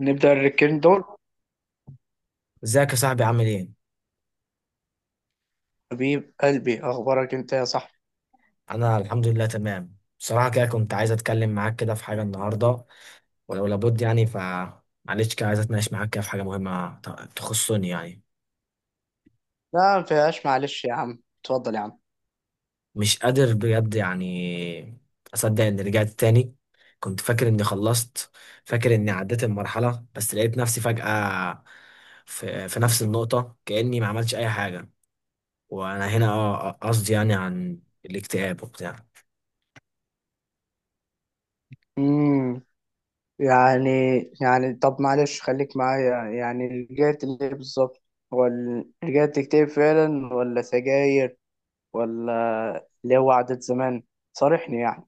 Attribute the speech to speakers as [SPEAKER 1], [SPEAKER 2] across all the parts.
[SPEAKER 1] نبدأ الركين دول.
[SPEAKER 2] ازيك يا صاحبي، عامل ايه؟
[SPEAKER 1] حبيب قلبي، أخبارك أنت يا صاحبي.
[SPEAKER 2] انا الحمد لله تمام. بصراحة كده كنت عايز اتكلم معاك كده في حاجة النهاردة، ولو لابد يعني معلش كده عايز اتناقش معاك كده في حاجة مهمة تخصني يعني.
[SPEAKER 1] لا ما فيهاش، معلش يا عم، اتفضل يا عم.
[SPEAKER 2] مش قادر بجد يعني اصدق اني رجعت تاني. كنت فاكر اني خلصت، فاكر اني عديت المرحلة، بس لقيت نفسي فجأة في نفس النقطة كأني ما عملتش اي حاجة. وانا هنا قصدي يعني عن الاكتئاب وبتاع.
[SPEAKER 1] امم يعني يعني طب معلش، خليك معايا يعني، رجعت ليه بالظبط؟ رجعت تكتب فعلا ولا سجاير؟ ولا اللي هو عادة زمان؟ صارحني يعني.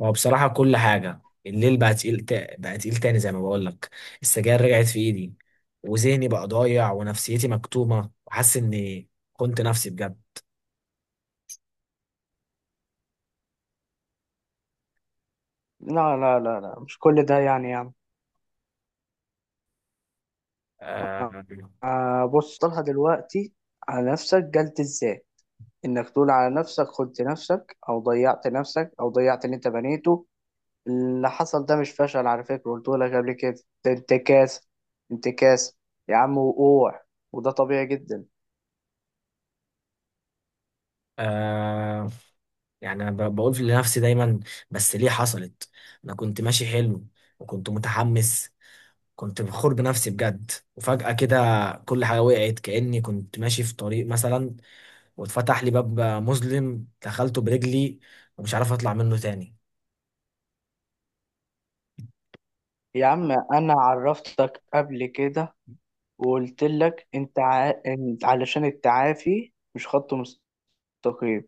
[SPEAKER 2] هو بصراحة كل حاجة الليل بقى تقيل تاني زي ما بقولك. السجاير رجعت في إيدي، وذهني بقى ضايع ونفسيتي مكتومة وحاسس إني كنت نفسي بجد.
[SPEAKER 1] لا لا لا لا، مش كل ده يعني يا عم.
[SPEAKER 2] آه.
[SPEAKER 1] آه، بص، طلع دلوقتي على نفسك جلد ازاي، انك تقول على نفسك خنت نفسك او ضيعت نفسك او ضيعت اللي انت بنيته. اللي حصل ده مش فشل، على فكرة قلت لك قبل كده. ده انتكاس، انتكاس يا عم، وقوع. وده طبيعي جدا.
[SPEAKER 2] آه. يعني أنا بقول في لنفسي دايما، بس ليه حصلت؟ أنا كنت ماشي حلو، وكنت متحمس، كنت فخور بنفسي بجد. وفجأة كده كل حاجة وقعت، كأني كنت ماشي في طريق مثلا واتفتح لي باب مظلم دخلته برجلي ومش عارف أطلع منه تاني.
[SPEAKER 1] يا عم انا عرفتك قبل كده، وقلت لك انت علشان التعافي مش خط مستقيم.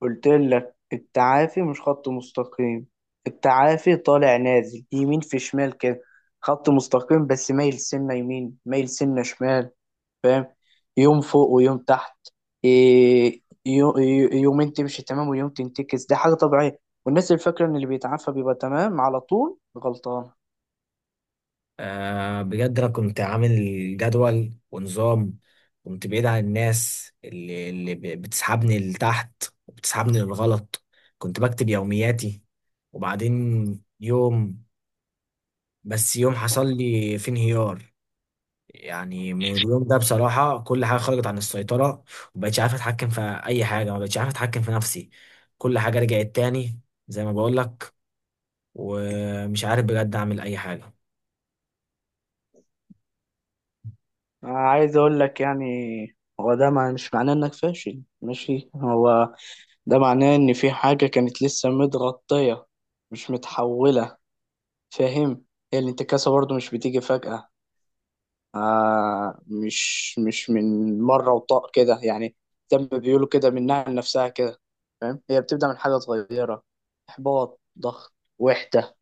[SPEAKER 1] قلت لك التعافي مش خط مستقيم، التعافي طالع نازل يمين في شمال كده، خط مستقيم بس مايل سنة يمين مايل سنة شمال. فاهم؟ يوم فوق ويوم تحت. إيه، يومين تمشي تمام ويوم تنتكس، دي حاجة طبيعية، والناس اللي فاكرة ان اللي بيتعافى بيبقى تمام على طول غلطان.
[SPEAKER 2] بجد انا كنت عامل جدول ونظام، كنت بعيد عن الناس بتسحبني لتحت وبتسحبني للغلط. كنت بكتب يومياتي. وبعدين يوم، بس يوم حصل لي فيه انهيار، يعني من اليوم ده بصراحة كل حاجة خرجت عن السيطرة، ومبقتش عارف اتحكم في اي حاجة، مبقتش عارف اتحكم في نفسي. كل حاجة رجعت تاني زي ما بقولك، ومش عارف بجد اعمل اي حاجة.
[SPEAKER 1] عايز اقول لك يعني، هو ده مش معناه انك فاشل ماشي، هو ده معناه ان في حاجة كانت لسه متغطية، مش متحولة. فاهم؟ هي الانتكاسة برضو مش بتيجي فجأة. آه، مش من مرة وطاق كده يعني، زي ما بيقولوا كده منها لنفسها كده. فاهم؟ هي بتبدأ من حاجة صغيرة، إحباط، ضغط، وحدة،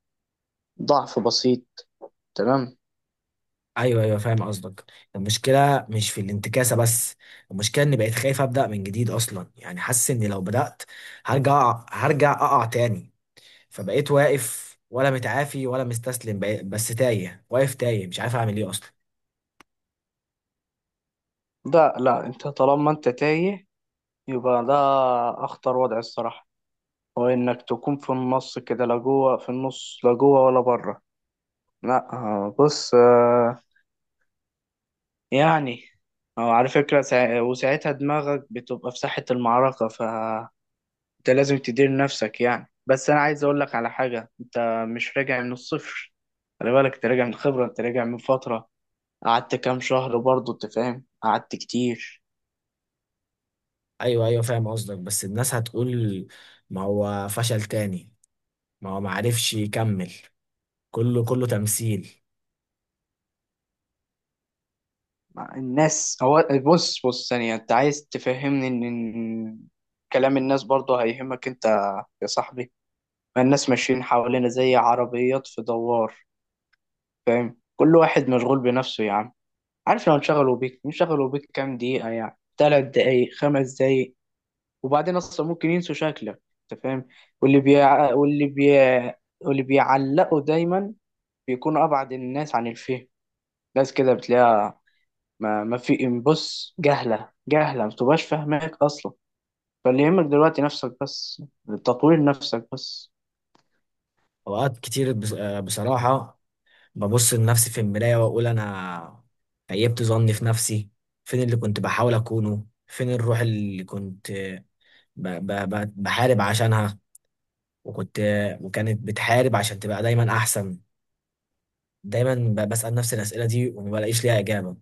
[SPEAKER 1] ضعف بسيط. تمام؟
[SPEAKER 2] ايوه، ايوه، فاهم قصدك. المشكله مش في الانتكاسه بس، المشكله اني بقيت خايف ابدا من جديد اصلا، يعني حاسس اني لو بدات هرجع اقع تاني. فبقيت واقف، ولا متعافي ولا مستسلم، بس تايه، واقف تايه، مش عارف اعمل ايه اصلا.
[SPEAKER 1] ده لا، انت طالما انت تايه يبقى ده أخطر وضع الصراحة. هو إنك تكون في النص كده، لا جوه في النص، لا جوه ولا بره. لا، آه، بص، آه، يعني آه، على فكرة وساعتها دماغك بتبقى في ساحة المعركة، ف انت لازم تدير نفسك يعني. بس انا عايز اقول لك على حاجه، انت مش راجع من الصفر. خلي بالك، انت راجع من خبره، انت راجع من فتره، قعدت كام شهر برضه، انت فاهم، قعدت كتير.
[SPEAKER 2] ايوه، ايوه، فاهم قصدك. بس الناس هتقول ما هو فشل تاني، ما هو ما عرفش يكمل، كله كله تمثيل.
[SPEAKER 1] مع الناس، هو بص بص ثانيه، انت عايز تفهمني إن كلام الناس برضه هيهمك انت يا صاحبي؟ ما الناس ماشيين حوالينا زي عربيات في دوار. فاهم؟ كل واحد مشغول بنفسه يا عم. عارف، لو انشغلوا بيك انشغلوا بيك كام دقيقه، يعني 3 دقايق 5 دقايق، وبعدين اصلا ممكن ينسوا شكلك. انت فاهم؟ واللي بي واللي بي واللي بيعلقوا دايما، بيكونوا ابعد الناس عن الفهم. ناس كده بتلاقيها ما في، بص، جهله جهله ما تبقاش فاهماك اصلا. فاللي يهمك دلوقتي نفسك بس، تطوير نفسك بس.
[SPEAKER 2] اوقات كتير بصراحه ببص لنفسي في المراية وأقول أنا خيبت ظني في نفسي. فين اللي كنت بحاول أكونه؟ فين الروح اللي كنت ب ب ب بحارب عشانها، وكنت، وكانت بتحارب عشان تبقى دايما أحسن. دايما بسأل نفسي الأسئلة دي وما بلاقيش ليها إجابة.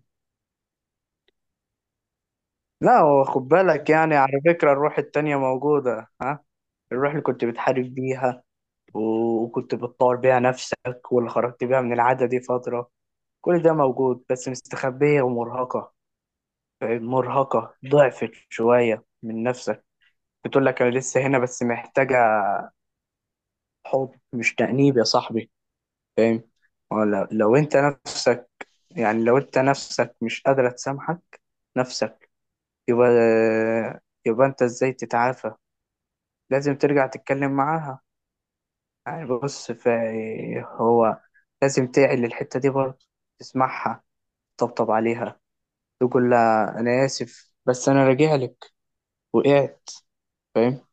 [SPEAKER 1] لا هو، خد بالك يعني، على فكره الروح التانية موجوده، ها؟ الروح اللي كنت بتحارب بيها، وكنت بتطور بيها نفسك، واللي خرجت بيها من العادة دي فترة. كل ده موجود بس مستخبية ومرهقة، مرهقة، ضعفت شوية من نفسك. بتقول لك أنا لسه هنا بس محتاجة حب مش تأنيب يا صاحبي. فاهم؟ ولا لو أنت نفسك، يعني لو أنت نفسك مش قادرة تسامحك نفسك، يبقى يبقى أنت إزاي تتعافى؟ لازم ترجع تتكلم معاها. يعني بص، هو لازم تعي للحتة دي برضه، تسمعها، تطبطب عليها، تقول لها أنا آسف بس أنا راجع لك. وقعت، فاهم؟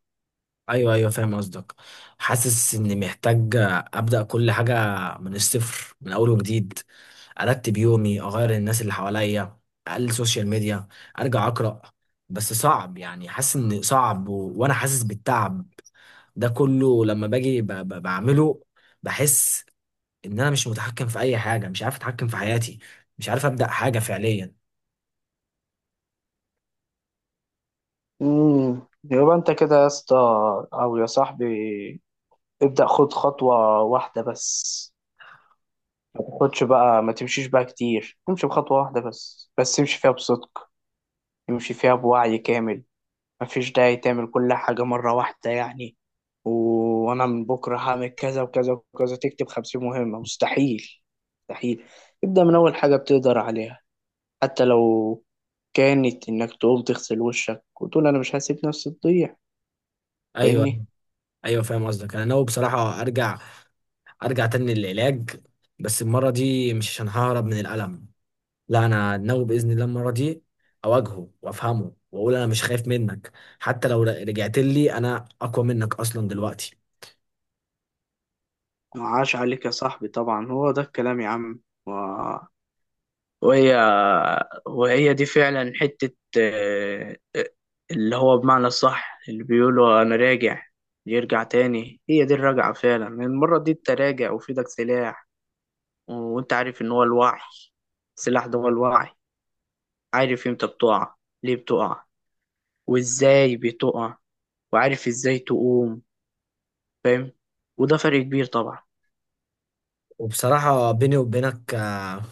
[SPEAKER 2] ايوه، ايوه، فاهم قصدك. حاسس اني محتاج ابدا كل حاجه من الصفر، من اول وجديد. ارتب يومي، اغير الناس اللي حواليا، اقلل السوشيال ميديا، ارجع اقرا. بس صعب يعني، حاسس ان صعب وانا حاسس بالتعب ده كله لما باجي بعمله. بحس ان انا مش متحكم في اي حاجه، مش عارف اتحكم في حياتي، مش عارف ابدا حاجه فعليا.
[SPEAKER 1] يبقى انت كده يا اسطى، او يا صاحبي، ابدأ، خد خطوة واحدة بس. ما تاخدش بقى، ما تمشيش بقى كتير، امشي بخطوة واحدة بس، بس امشي فيها بصدق، امشي فيها بوعي كامل. مفيش داعي تعمل كل حاجة مرة واحدة يعني. وانا من بكرة هعمل كذا وكذا وكذا، تكتب 50 مهمة؟ مستحيل، مستحيل. ابدأ من اول حاجة بتقدر عليها، حتى لو كانت انك تقوم تغسل وشك وتقول انا مش هسيب نفسي تضيع. فاهمني؟
[SPEAKER 2] ايوه، ايوه، فاهم قصدك. انا ناوي بصراحه ارجع تاني للعلاج، بس المره دي مش عشان ههرب من الالم. لا، انا ناوي باذن الله المره دي اواجهه وافهمه واقول انا مش خايف منك، حتى لو رجعت لي انا اقوى منك اصلا دلوقتي.
[SPEAKER 1] عاش عليك يا صاحبي، طبعا هو ده الكلام يا عم، وهي وهي دي فعلا حتة. آه، آه، اللي هو بمعنى الصح، اللي بيقولوا أنا راجع يرجع تاني، هي دي الرجعة فعلا. المرة دي أنت راجع وفي إيدك سلاح، وأنت عارف إن هو الوعي، السلاح ده هو الوعي. عارف إمتى بتقع، ليه بتقع، وإزاي بتقع، وعارف إزاي تقوم. فاهم؟ وده فرق كبير طبعا.
[SPEAKER 2] وبصراحه بيني وبينك،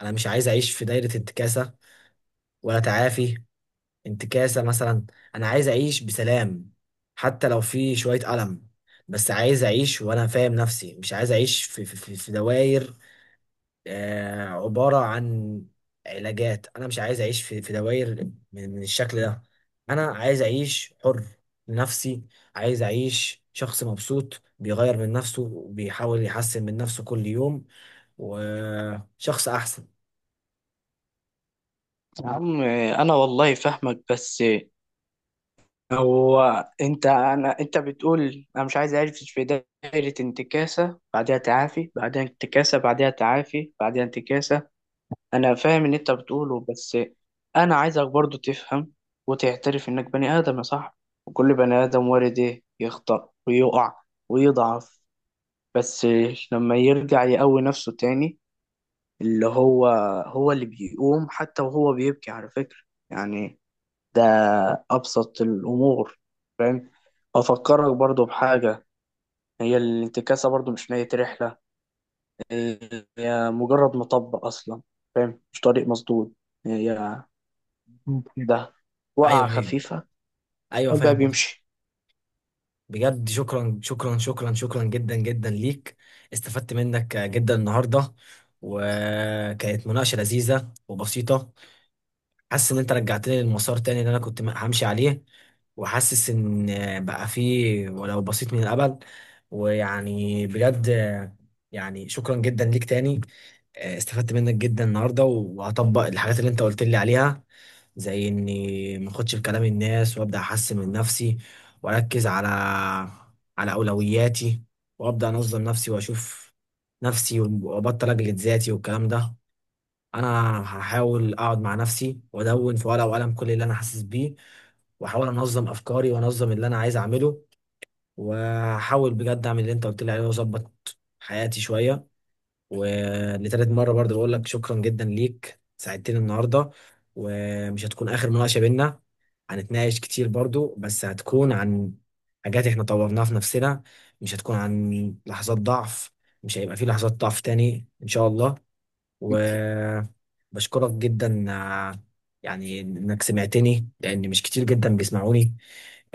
[SPEAKER 2] انا مش عايز اعيش في دايره انتكاسه، ولا تعافي، انتكاسه مثلا. انا عايز اعيش بسلام، حتى لو في شويه الم، بس عايز اعيش وانا فاهم نفسي. مش عايز اعيش في دوائر عبارة عن علاجات. أنا مش عايز أعيش في دوائر من الشكل ده. أنا عايز أعيش حر لنفسي، عايز أعيش شخص مبسوط بيغير من نفسه وبيحاول يحسن من نفسه كل يوم، وشخص أحسن.
[SPEAKER 1] يا عم، آه، أنا والله فاهمك بس، هو انت بتقول انا مش عايز اعيش في دائرة انتكاسة بعدها تعافي بعدها انتكاسة بعدها تعافي بعدها انتكاسة. انا فاهم اللي انت بتقوله بس انا عايزك برضو تفهم وتعترف انك بني ادم يا صاحبي. وكل بني ادم وارد ايه يخطأ ويقع ويضعف. بس لما يرجع يقوي نفسه تاني، اللي هو هو اللي بيقوم حتى وهو بيبكي على فكرة. يعني ده أبسط الأمور. فاهم؟ أفكرك برضو بحاجة، هي الانتكاسة برضو مش نهاية رحلة، هي مجرد مطب أصلا. فاهم؟ مش طريق مسدود. هي ممكن ده
[SPEAKER 2] أيوه،
[SPEAKER 1] وقعة
[SPEAKER 2] أيوه،
[SPEAKER 1] خفيفة.
[SPEAKER 2] أيوه،
[SPEAKER 1] الباب
[SPEAKER 2] فاهم قصدك.
[SPEAKER 1] بيمشي.
[SPEAKER 2] بجد شكرا شكرا شكرا شكرا جدا جدا ليك. استفدت منك جدا النهاردة، وكانت مناقشة لذيذة وبسيطة. حاسس ان انت رجعتني للمسار تاني اللي انا كنت همشي عليه، وحاسس ان بقى فيه ولو بسيط من الامل. ويعني بجد، يعني شكرا جدا ليك تاني. استفدت منك جدا النهارده وهطبق الحاجات اللي انت قلت لي عليها، زي اني ما اخدش بكلام الناس وابدا احسن من نفسي، واركز على اولوياتي، وابدا انظم نفسي واشوف نفسي، وابطل اجلد ذاتي والكلام ده. انا هحاول اقعد مع نفسي وادون في ورقه وقلم كل اللي انا حاسس بيه، واحاول انظم افكاري وانظم اللي انا عايز اعمله، وهحاول بجد اعمل اللي انت قلت لي عليه واظبط حياتي شويه. ولتالت مره برضه بقول لك شكرا جدا ليك، ساعدتني النهارده. ومش هتكون اخر مناقشه بينا، هنتناقش كتير برضه بس هتكون عن حاجات احنا طورناها في نفسنا، مش هتكون عن لحظات ضعف. مش هيبقى في لحظات ضعف تاني ان شاء الله. و بشكرك جدا، يعني انك سمعتني، لان مش كتير جدا بيسمعوني.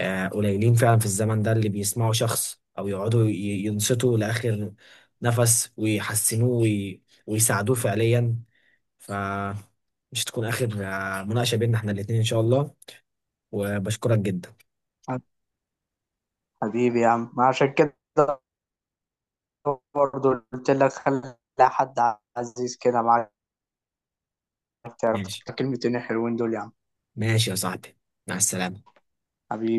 [SPEAKER 2] قليلين فعلا في الزمن ده اللي بيسمعوا شخص او يقعدوا ينصتوا لاخر نفس ويحسنوه ويساعدوه فعليا. فمش تكون اخر مناقشة بيننا احنا الاتنين ان شاء الله. وبشكرك جدا.
[SPEAKER 1] حبيبي يا عم، ما عشان كده برضو قلت لك خلي حد عزيز كده معاك. تعرف؟
[SPEAKER 2] ماشي.
[SPEAKER 1] تكلمتين حلوين دول يا عم.
[SPEAKER 2] ماشي يا صاحبي. مع السلامة.
[SPEAKER 1] حبيبي.